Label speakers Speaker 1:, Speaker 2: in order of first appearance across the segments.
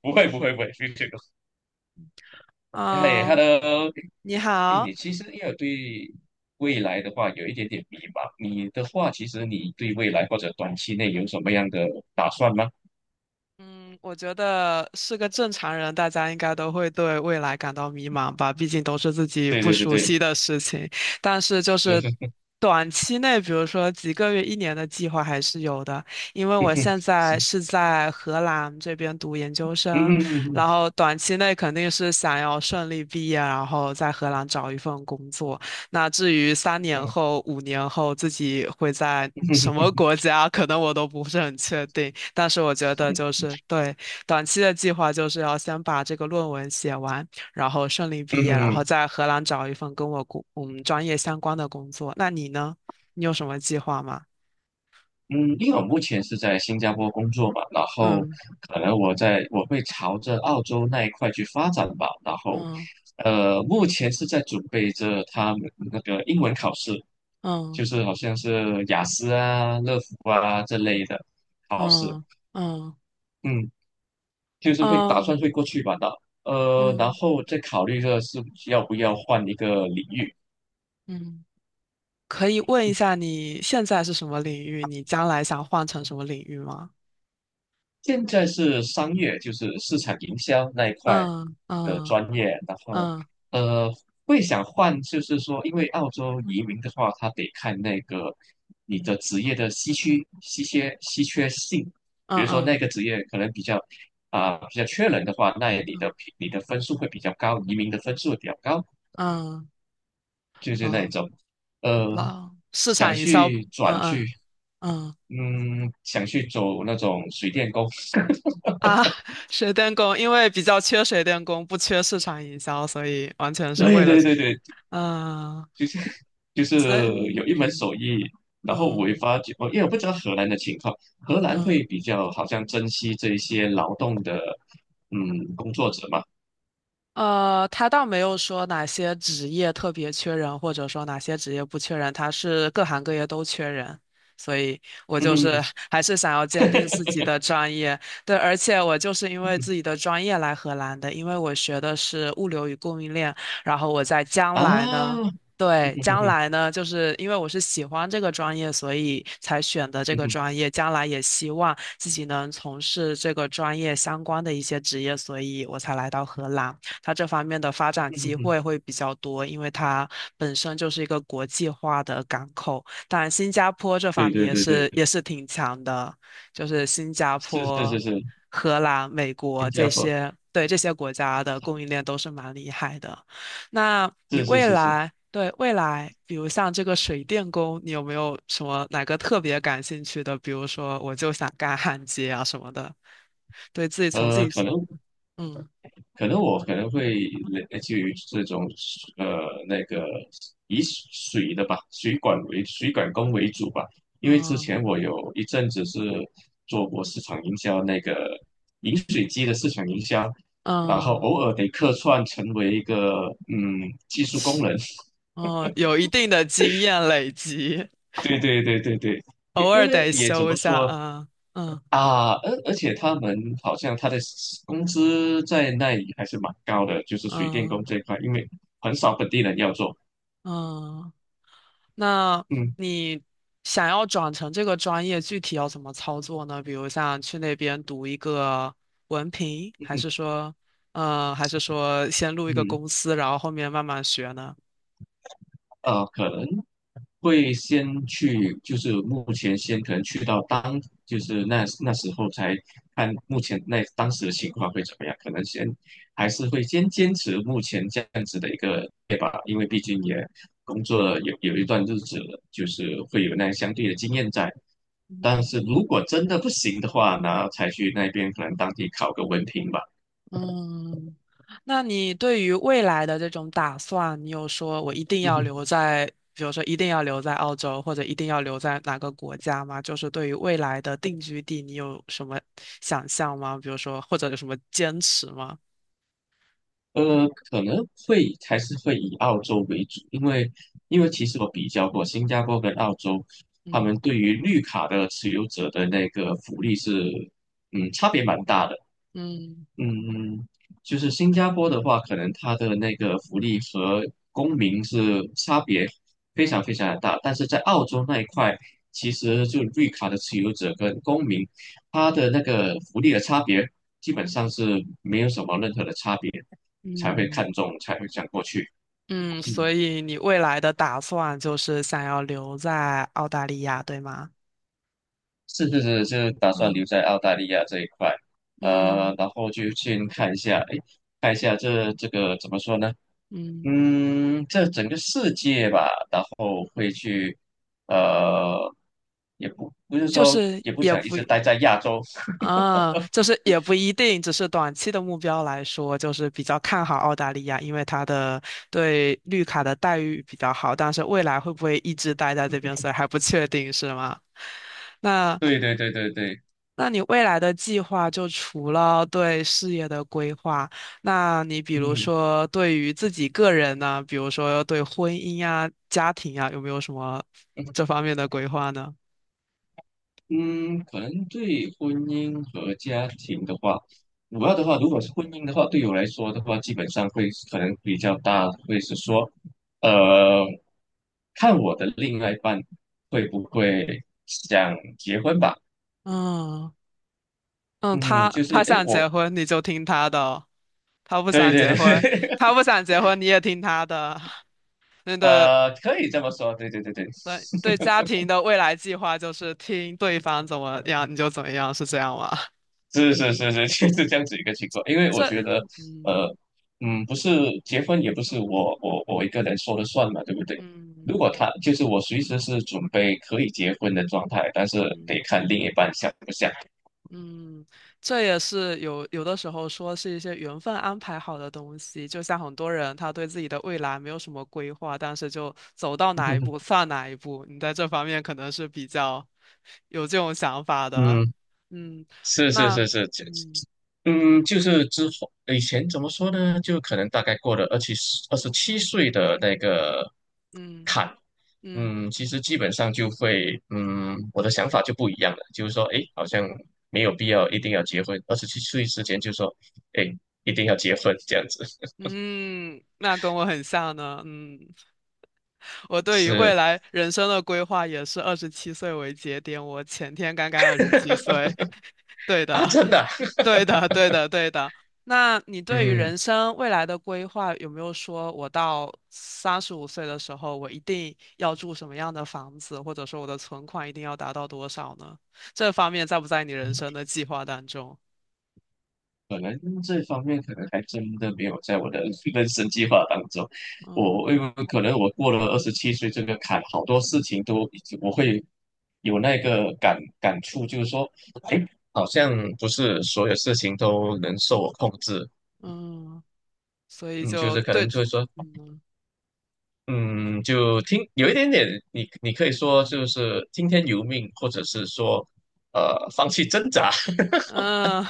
Speaker 1: 不会
Speaker 2: 嗯
Speaker 1: 不会不会，非这个。哎
Speaker 2: 嗯。
Speaker 1: ，Hello。
Speaker 2: 你
Speaker 1: 哎，你
Speaker 2: 好，
Speaker 1: 其实要有对未来的话有一点点迷茫。你的话，其实你对未来或者短期内有什么样的打算吗？
Speaker 2: 嗯，我觉得是个正常人，大家应该都会对未来感到迷茫吧，毕竟都是自己
Speaker 1: 对
Speaker 2: 不
Speaker 1: 对对
Speaker 2: 熟
Speaker 1: 对。
Speaker 2: 悉的事情。但是就
Speaker 1: 是
Speaker 2: 是
Speaker 1: 是。
Speaker 2: 短期内，比如说几个月、一年的计划还是有的，因为
Speaker 1: 嗯
Speaker 2: 我现
Speaker 1: 是。
Speaker 2: 在是在荷兰这边读研究
Speaker 1: 嗯
Speaker 2: 生，
Speaker 1: 嗯
Speaker 2: 然
Speaker 1: 嗯
Speaker 2: 后短期内肯定是想要顺利毕业，然后在荷兰找一份工作。那至于三年
Speaker 1: 嗯
Speaker 2: 后、5年后自己会在什
Speaker 1: 嗯
Speaker 2: 么国家，可能我都不是很确定。但是我觉得就是对短期的计划，就是要先把这个论文写完，然后顺利
Speaker 1: 嗯
Speaker 2: 毕业，然后
Speaker 1: 嗯
Speaker 2: 在荷兰找一份跟我们专业相关的工作。那你呢？你有什么计划吗？
Speaker 1: 嗯。因为我目前是在新加坡工作嘛，然后
Speaker 2: 嗯
Speaker 1: 可能我会朝着澳洲那一块去发展吧。然后
Speaker 2: 嗯
Speaker 1: 目前是在准备着他们那个英文考试，
Speaker 2: 嗯
Speaker 1: 就是好像是雅思啊、乐福啊这类的考试。
Speaker 2: 嗯嗯
Speaker 1: 嗯，就是会打
Speaker 2: 嗯
Speaker 1: 算会过去吧的。然
Speaker 2: 嗯
Speaker 1: 后再考虑着是要不要换一个领域。
Speaker 2: 嗯。可以问一下你现在是什么领域？你将来想换成什么领域吗？
Speaker 1: 现在是商业，就是市场营销那一块
Speaker 2: 嗯
Speaker 1: 的
Speaker 2: 嗯
Speaker 1: 专业。然后
Speaker 2: 嗯
Speaker 1: 呃，会想换，就是说，因为澳洲移民的话，他得看那个你的职业的稀缺性，
Speaker 2: 嗯
Speaker 1: 比如说那
Speaker 2: 嗯
Speaker 1: 个职业可能比较缺人的话，那
Speaker 2: 嗯
Speaker 1: 你的分数会比较高，移民的分数会比较高。
Speaker 2: 嗯，
Speaker 1: 就是那一
Speaker 2: 老
Speaker 1: 种。呃，
Speaker 2: 老市
Speaker 1: 想
Speaker 2: 场营销，
Speaker 1: 去
Speaker 2: 嗯
Speaker 1: 转
Speaker 2: 嗯
Speaker 1: 去。
Speaker 2: 嗯。
Speaker 1: 嗯，想去走那种水电工。
Speaker 2: 啊，水电工，因为比较缺水电工，不缺市场营销，所以完全是为
Speaker 1: 对
Speaker 2: 了，
Speaker 1: 对对对。
Speaker 2: 嗯，
Speaker 1: 就是
Speaker 2: 所以
Speaker 1: 有一门
Speaker 2: 嗯
Speaker 1: 手艺，然后我也
Speaker 2: 嗯
Speaker 1: 发觉，因为我不知道荷兰的情况，荷兰
Speaker 2: 嗯。
Speaker 1: 会比较好像珍惜这一些劳动的，嗯，工作者嘛。
Speaker 2: 呃，他倒没有说哪些职业特别缺人，或者说哪些职业不缺人，他是各行各业都缺人，所以 我
Speaker 1: 嗯
Speaker 2: 就
Speaker 1: 哼
Speaker 2: 是
Speaker 1: 哼。
Speaker 2: 还是想要坚定自己的专业。对，而且我就是因为自己的专业来荷兰的，因为我学的是物流与供应链，然后我在 将
Speaker 1: 啊，
Speaker 2: 来呢，
Speaker 1: 嗯
Speaker 2: 对，
Speaker 1: 哼
Speaker 2: 将
Speaker 1: 哼。
Speaker 2: 来呢，就是因为我是喜欢这个专业，所以才选的这
Speaker 1: 嗯
Speaker 2: 个
Speaker 1: 哼。
Speaker 2: 专业，将来也希望自己能从事这个专业相关的一些职业，所以我才来到荷兰。它这方面的发展
Speaker 1: 嗯哼
Speaker 2: 机会
Speaker 1: 哼。
Speaker 2: 会比较多，因为它本身就是一个国际化的港口。当然，新加坡这
Speaker 1: 对
Speaker 2: 方面
Speaker 1: 对
Speaker 2: 也
Speaker 1: 对对。
Speaker 2: 是也是挺强的，就是新加
Speaker 1: 是是是
Speaker 2: 坡、
Speaker 1: 是。
Speaker 2: 荷兰、美国
Speaker 1: 新
Speaker 2: 这
Speaker 1: 加坡。
Speaker 2: 些，对这些国家的供应链都是蛮厉害的。那你
Speaker 1: 是是
Speaker 2: 未
Speaker 1: 是是。
Speaker 2: 来，对，未来，比如像这个水电工，你有没有什么哪个特别感兴趣的？比如说，我就想干焊接啊什么的，对自己从自
Speaker 1: 呃，可
Speaker 2: 己，
Speaker 1: 能
Speaker 2: 嗯
Speaker 1: 可能我可能会类基于这种呃那个以水的吧，水管为水管工为主吧。因为之前
Speaker 2: 嗯
Speaker 1: 我有一阵子是做过市场营销，那个饮水机的市场营销，然后
Speaker 2: 嗯。
Speaker 1: 偶尔得客串成为一个技术工人。
Speaker 2: 哦，有一定的经验累积，
Speaker 1: 对对对对对。
Speaker 2: 偶
Speaker 1: 因因
Speaker 2: 尔
Speaker 1: 为
Speaker 2: 得
Speaker 1: 也怎
Speaker 2: 修一
Speaker 1: 么
Speaker 2: 下
Speaker 1: 说。
Speaker 2: 啊。嗯
Speaker 1: 啊，而且他们好像他的 工资在那里还是蛮高的，就是水电
Speaker 2: 嗯
Speaker 1: 工这一块，因为很少本地人要做。
Speaker 2: 嗯。那
Speaker 1: 嗯
Speaker 2: 你想要转成这个专业，具体要怎么操作呢？比如像去那边读一个文凭，还
Speaker 1: 嗯
Speaker 2: 是说，呃，还是说先入一个
Speaker 1: 嗯。
Speaker 2: 公司，然后后面慢慢学呢？
Speaker 1: 可能。会先去，就是目前先可能去到当，就是那时候才看目前那当时的情况会怎么样，可能先还是会先坚持目前这样子的一个对吧，因为毕竟也工作了有一段日子了，就是会有那相对的经验在。但是如果真的不行的话，然后才去那边可能当地考个文凭吧。
Speaker 2: 嗯。那你对于未来的这种打算，你有说我一定要留在，比如说一定要留在澳洲，或者一定要留在哪个国家吗？就是对于未来的定居地，你有什么想象吗？比如说，或者有什么坚持吗？
Speaker 1: 可能会还是会以澳洲为主。因为其实我比较过新加坡跟澳洲，他们
Speaker 2: 嗯
Speaker 1: 对于绿卡的持有者的那个福利是，嗯，差别蛮大的。
Speaker 2: 嗯
Speaker 1: 嗯，嗯。就是新加坡的话，可能它的那个福利和公民是差别非常非常的大。但是在澳洲那一块，其实就绿卡的持有者跟公民，他的那个福利的差别基本上是没有什么任何的差别，才会
Speaker 2: 嗯
Speaker 1: 看中，才会想过去。
Speaker 2: 嗯。
Speaker 1: 嗯，
Speaker 2: 所以你未来的打算就是想要留在澳大利亚，对吗？
Speaker 1: 是是是。就打算
Speaker 2: 嗯
Speaker 1: 留在澳大利亚这一块。
Speaker 2: 嗯
Speaker 1: 然后就先看一下。哎，看一下这个怎么说呢？
Speaker 2: 嗯，
Speaker 1: 嗯，这整个世界吧，然后会去。呃，也不是
Speaker 2: 就
Speaker 1: 说
Speaker 2: 是
Speaker 1: 也不
Speaker 2: 也
Speaker 1: 想一
Speaker 2: 不。
Speaker 1: 直待在亚洲。
Speaker 2: 啊，就是也不一定，只是短期的目标来说，就是比较看好澳大利亚，因为它的对绿卡的待遇比较好，但是未来会不会一直待在这边，所以还不确定，是吗？那
Speaker 1: 对对对对对。
Speaker 2: 那你未来的计划，就除了对事业的规划，那你比如
Speaker 1: 嗯
Speaker 2: 说对于自己个人呢，比如说对婚姻呀、家庭呀，有没有什么这方面的规划呢？
Speaker 1: 嗯。可能对婚姻和家庭的话，主要的话，如
Speaker 2: 嗯
Speaker 1: 果是婚姻的话，对我来说的话，基本上会可能比较大，会是说，呃，看我的另外一半会不会想结婚吧。
Speaker 2: 嗯。嗯，
Speaker 1: 嗯，
Speaker 2: 他
Speaker 1: 就是
Speaker 2: 他
Speaker 1: 诶，
Speaker 2: 想
Speaker 1: 我
Speaker 2: 结婚你就听他的哦，他不
Speaker 1: 对
Speaker 2: 想
Speaker 1: 对
Speaker 2: 结婚，
Speaker 1: 对。
Speaker 2: 他不想结婚你也听他的。那对
Speaker 1: 可以这么说。对对对对。
Speaker 2: 对对，家庭的未来计划就是听对方怎么样你就怎么样，是这样吗？
Speaker 1: 是是是是。就是这样子一个情 况。因为我
Speaker 2: 这
Speaker 1: 觉得，
Speaker 2: 嗯
Speaker 1: 呃，不是结婚也不是我一个人说了算嘛，对不对？
Speaker 2: 嗯
Speaker 1: 如果他就是我随时是准备可以结婚的状态，但是
Speaker 2: 嗯。
Speaker 1: 得看另一半想不想。
Speaker 2: 嗯，这也是有的时候说是一些缘分安排好的东西，就像很多人他对自己的未来没有什么规划，但是就走到哪一步 算哪一步。你在这方面可能是比较有这种想法的，
Speaker 1: 嗯。
Speaker 2: 嗯。
Speaker 1: 是是
Speaker 2: 那
Speaker 1: 是是。
Speaker 2: 嗯
Speaker 1: 就是之后以前怎么说呢？就可能大概过了二十七岁的那个
Speaker 2: 嗯
Speaker 1: 坎。
Speaker 2: 嗯
Speaker 1: 其实基本上就会，我的想法就不一样了，就是说，诶，好像没有必要一定要结婚，二十七岁之前就说，诶，一定要结婚这样子。
Speaker 2: 嗯，那跟我很像呢，嗯。我对于未
Speaker 1: 是
Speaker 2: 来人生的规划也是二十七岁为节点，我前天刚刚二十七岁。对
Speaker 1: 啊，
Speaker 2: 的，
Speaker 1: 真的啊。
Speaker 2: 对的，对的，对的。那你对于
Speaker 1: 嗯。
Speaker 2: 人生未来的规划有没有说，我到35岁的时候，我一定要住什么样的房子，或者说我的存款一定要达到多少呢？这方面在不在你人生的计划当中？
Speaker 1: 可能这方面可能还真的没有在我的 人生计划当中。
Speaker 2: 嗯
Speaker 1: 我因为可能我过了二十七岁这个坎，好多事情都已经我会有那个感触，就是说好像不是所有事情都能受我控制。
Speaker 2: 嗯，所以
Speaker 1: 嗯，就
Speaker 2: 就
Speaker 1: 是可
Speaker 2: 对，
Speaker 1: 能就是说。
Speaker 2: 嗯。
Speaker 1: 嗯，就听有一点点，你可以说就是听天由命，或者是说放弃挣扎。
Speaker 2: 嗯，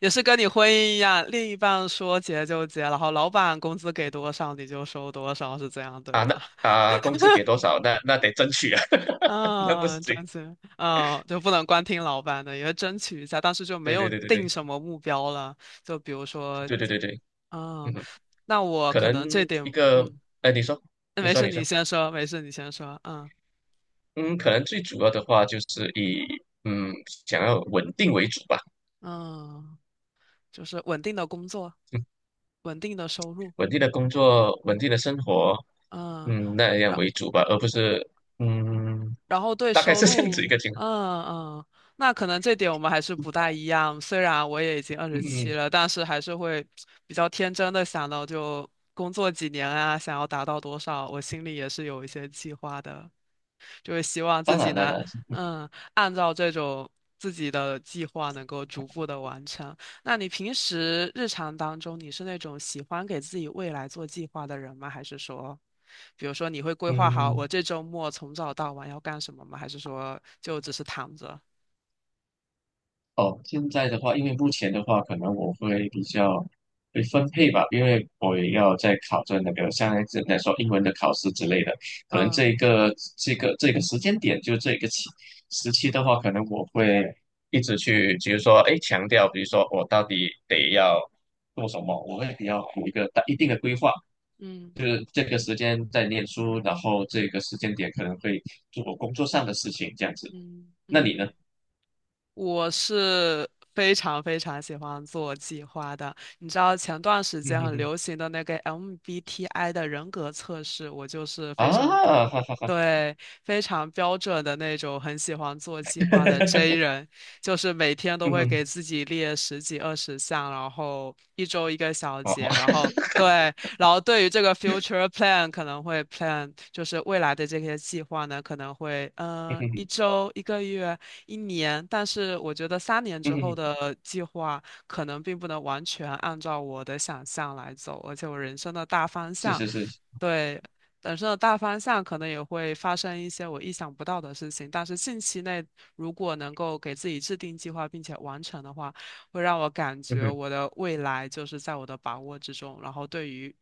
Speaker 2: 也是跟你婚姻一样，另一半说结就结，然后老板工资给多少你就收多少，是这样 对
Speaker 1: 啊，
Speaker 2: 吗？
Speaker 1: 那 啊工资给多少，那得争取啊。那不
Speaker 2: 嗯，
Speaker 1: 行。
Speaker 2: 争取，嗯，就不能光听老板的，也要争取一下，但是就没
Speaker 1: 对
Speaker 2: 有
Speaker 1: 对对对
Speaker 2: 定
Speaker 1: 对。
Speaker 2: 什么目标了。就比如说，
Speaker 1: 对对对对。
Speaker 2: 嗯，
Speaker 1: 嗯哼。
Speaker 2: 那我
Speaker 1: 可
Speaker 2: 可能这
Speaker 1: 能一
Speaker 2: 点，
Speaker 1: 个。
Speaker 2: 嗯，
Speaker 1: 哎，你说。
Speaker 2: 那
Speaker 1: 你
Speaker 2: 没
Speaker 1: 说，
Speaker 2: 事，
Speaker 1: 你
Speaker 2: 你
Speaker 1: 说。
Speaker 2: 先说，没事，你先说，嗯
Speaker 1: 嗯，可能最主要的话就是以嗯想要稳定为主吧，
Speaker 2: 嗯，就是稳定的工作，稳定的收入，
Speaker 1: 稳定的工作，稳定的生活。
Speaker 2: 嗯。
Speaker 1: 那样为主吧，而不是嗯，
Speaker 2: 然后对
Speaker 1: 大概
Speaker 2: 收
Speaker 1: 是这样
Speaker 2: 入，
Speaker 1: 子一个情况。
Speaker 2: 嗯嗯，那可能这点我们还是不大一样。虽然我也已经二十七
Speaker 1: 嗯，
Speaker 2: 了，但是还是会比较天真的想到，就工作几年啊，想要达到多少，我心里也是有一些计划的，就是希望自
Speaker 1: 当
Speaker 2: 己
Speaker 1: 然了，
Speaker 2: 能，
Speaker 1: 当然。
Speaker 2: 嗯，按照这种自己的计划能够逐步的完成。那你平时日常当中，你是那种喜欢给自己未来做计划的人吗？还是说？比如说，你会规划好
Speaker 1: 嗯。
Speaker 2: 我这周末从早到晚要干什么吗？还是说就只是躺着？
Speaker 1: 哦，现在的话，因为目前的话，可能我会比较会分配吧，因为我也要在考证那个像来说英文的考试之类的，可能
Speaker 2: 嗯
Speaker 1: 这个时间点，就这个时期的话，可能我会一直去，比如说，哎，强调，比如说我到底得要做什么，我会比较有一个一定的规划，
Speaker 2: 嗯
Speaker 1: 就是这个时间在念书，然后这个时间点可能会做工作上的事情，这样子。
Speaker 2: 嗯
Speaker 1: 那你呢？
Speaker 2: 嗯。我是非常非常喜欢做计划的。你知道前段时间很 流行的那个 MBTI 的人格测试，我就是非常标，
Speaker 1: 啊，哈哈哈。
Speaker 2: 对，非常标准的那种，很喜欢做计划的 J 人。就是每天都
Speaker 1: 嗯
Speaker 2: 会
Speaker 1: 哼。
Speaker 2: 给自己列十几二十项，然后一周一个小
Speaker 1: 好，
Speaker 2: 节，
Speaker 1: 好。
Speaker 2: 然后对，然后对于这个 future plan 可能会 plan 就是未来的这些计划呢，可能会
Speaker 1: 嗯
Speaker 2: 一
Speaker 1: 哼。
Speaker 2: 周、一个月、一年，但是我觉得三年
Speaker 1: 嗯
Speaker 2: 之后
Speaker 1: 哼。
Speaker 2: 的计划可能并不能完全按照我的想象来走，而且我人生的大方
Speaker 1: 是
Speaker 2: 向，
Speaker 1: 是是。
Speaker 2: 对。人生的大方向可能也会发生一些我意想不到的事情，但是近期内如果能够给自己制定计划并且完成的话，会让我感
Speaker 1: 嗯
Speaker 2: 觉
Speaker 1: 哼。
Speaker 2: 我的未来就是在我的把握之中。然后对于，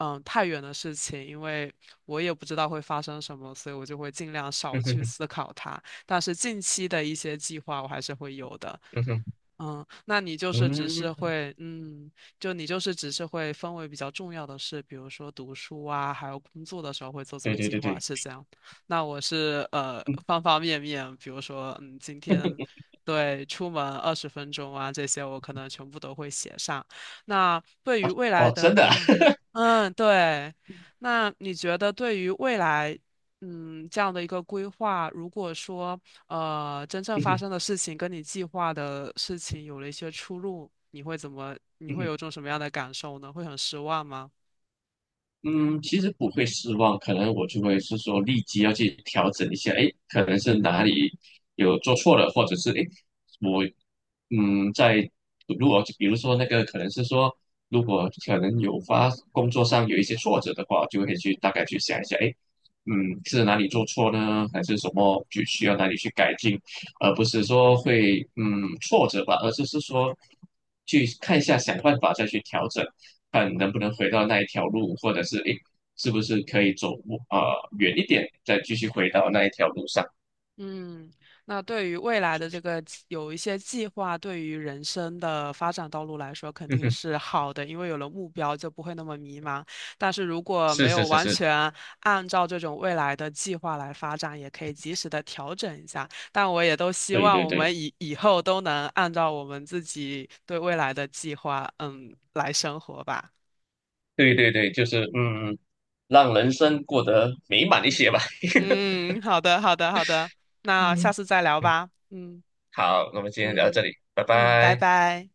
Speaker 2: 嗯，太远的事情，因为我也不知道会发生什么，所以我就会尽量
Speaker 1: 嗯
Speaker 2: 少去
Speaker 1: 哼。
Speaker 2: 思考它。但是近期的一些计划，我还是会有的。
Speaker 1: 嗯哼。
Speaker 2: 嗯，那你就是只是
Speaker 1: 嗯，
Speaker 2: 会，嗯，就你就是只是会分为比较重要的事，比如说读书啊，还有工作的时候会做做
Speaker 1: 对对
Speaker 2: 计
Speaker 1: 对
Speaker 2: 划，
Speaker 1: 对。
Speaker 2: 是这样。那我是呃
Speaker 1: 嗯。
Speaker 2: 方方面面，比如说，嗯，今天对，出门20分钟啊，这些我可能全部都会写上。那对于未来
Speaker 1: 哦，
Speaker 2: 的，
Speaker 1: 真的啊。
Speaker 2: 嗯 嗯，对，那你觉得对于未来，嗯，这样的一个规划，如果说呃真正
Speaker 1: 嗯
Speaker 2: 发
Speaker 1: 哼。
Speaker 2: 生的事情跟你计划的事情有了一些出入，你会怎么？你
Speaker 1: 嗯
Speaker 2: 会
Speaker 1: 哼。
Speaker 2: 有种什么样的感受呢？会很失望吗？
Speaker 1: 嗯，其实不会失望，可能我就会是说立即要去调整一下。诶，可能是哪里有做错了，或者是诶，我嗯，在如果比如说那个可能是说，如果可能工作上有一些挫折的话，就会去大概去想一下，诶，嗯，是哪里做错呢？还是什么就需要哪里去改进，而不是说会挫折吧，而是说去看一下想办法再去调整。看能不能回到那一条路，或者是诶，是不是可以走呃远一点，再继续回到那一条路上。
Speaker 2: 嗯，那对于未来的这个有一些计划，对于人生的发展道路来说，肯
Speaker 1: 嗯
Speaker 2: 定
Speaker 1: 哼。
Speaker 2: 是好的，因为有了目标就不会那么迷茫。但是如果
Speaker 1: 是
Speaker 2: 没
Speaker 1: 是
Speaker 2: 有
Speaker 1: 是
Speaker 2: 完
Speaker 1: 是。
Speaker 2: 全按照这种未来的计划来发展，也可以及时的调整一下。但我也都希
Speaker 1: 对
Speaker 2: 望
Speaker 1: 对
Speaker 2: 我
Speaker 1: 对
Speaker 2: 们以后都能按照我们自己对未来的计划，嗯，来生活吧。
Speaker 1: 对对对。就是
Speaker 2: 嗯
Speaker 1: 让人生过得美满一些吧。
Speaker 2: 嗯，好的，好的，好的，
Speaker 1: 嗯
Speaker 2: 那下
Speaker 1: 哼。
Speaker 2: 次再聊
Speaker 1: 嗯，
Speaker 2: 吧。嗯
Speaker 1: 好，那我们今天聊到
Speaker 2: 嗯
Speaker 1: 这里，拜
Speaker 2: 嗯，拜
Speaker 1: 拜。
Speaker 2: 拜。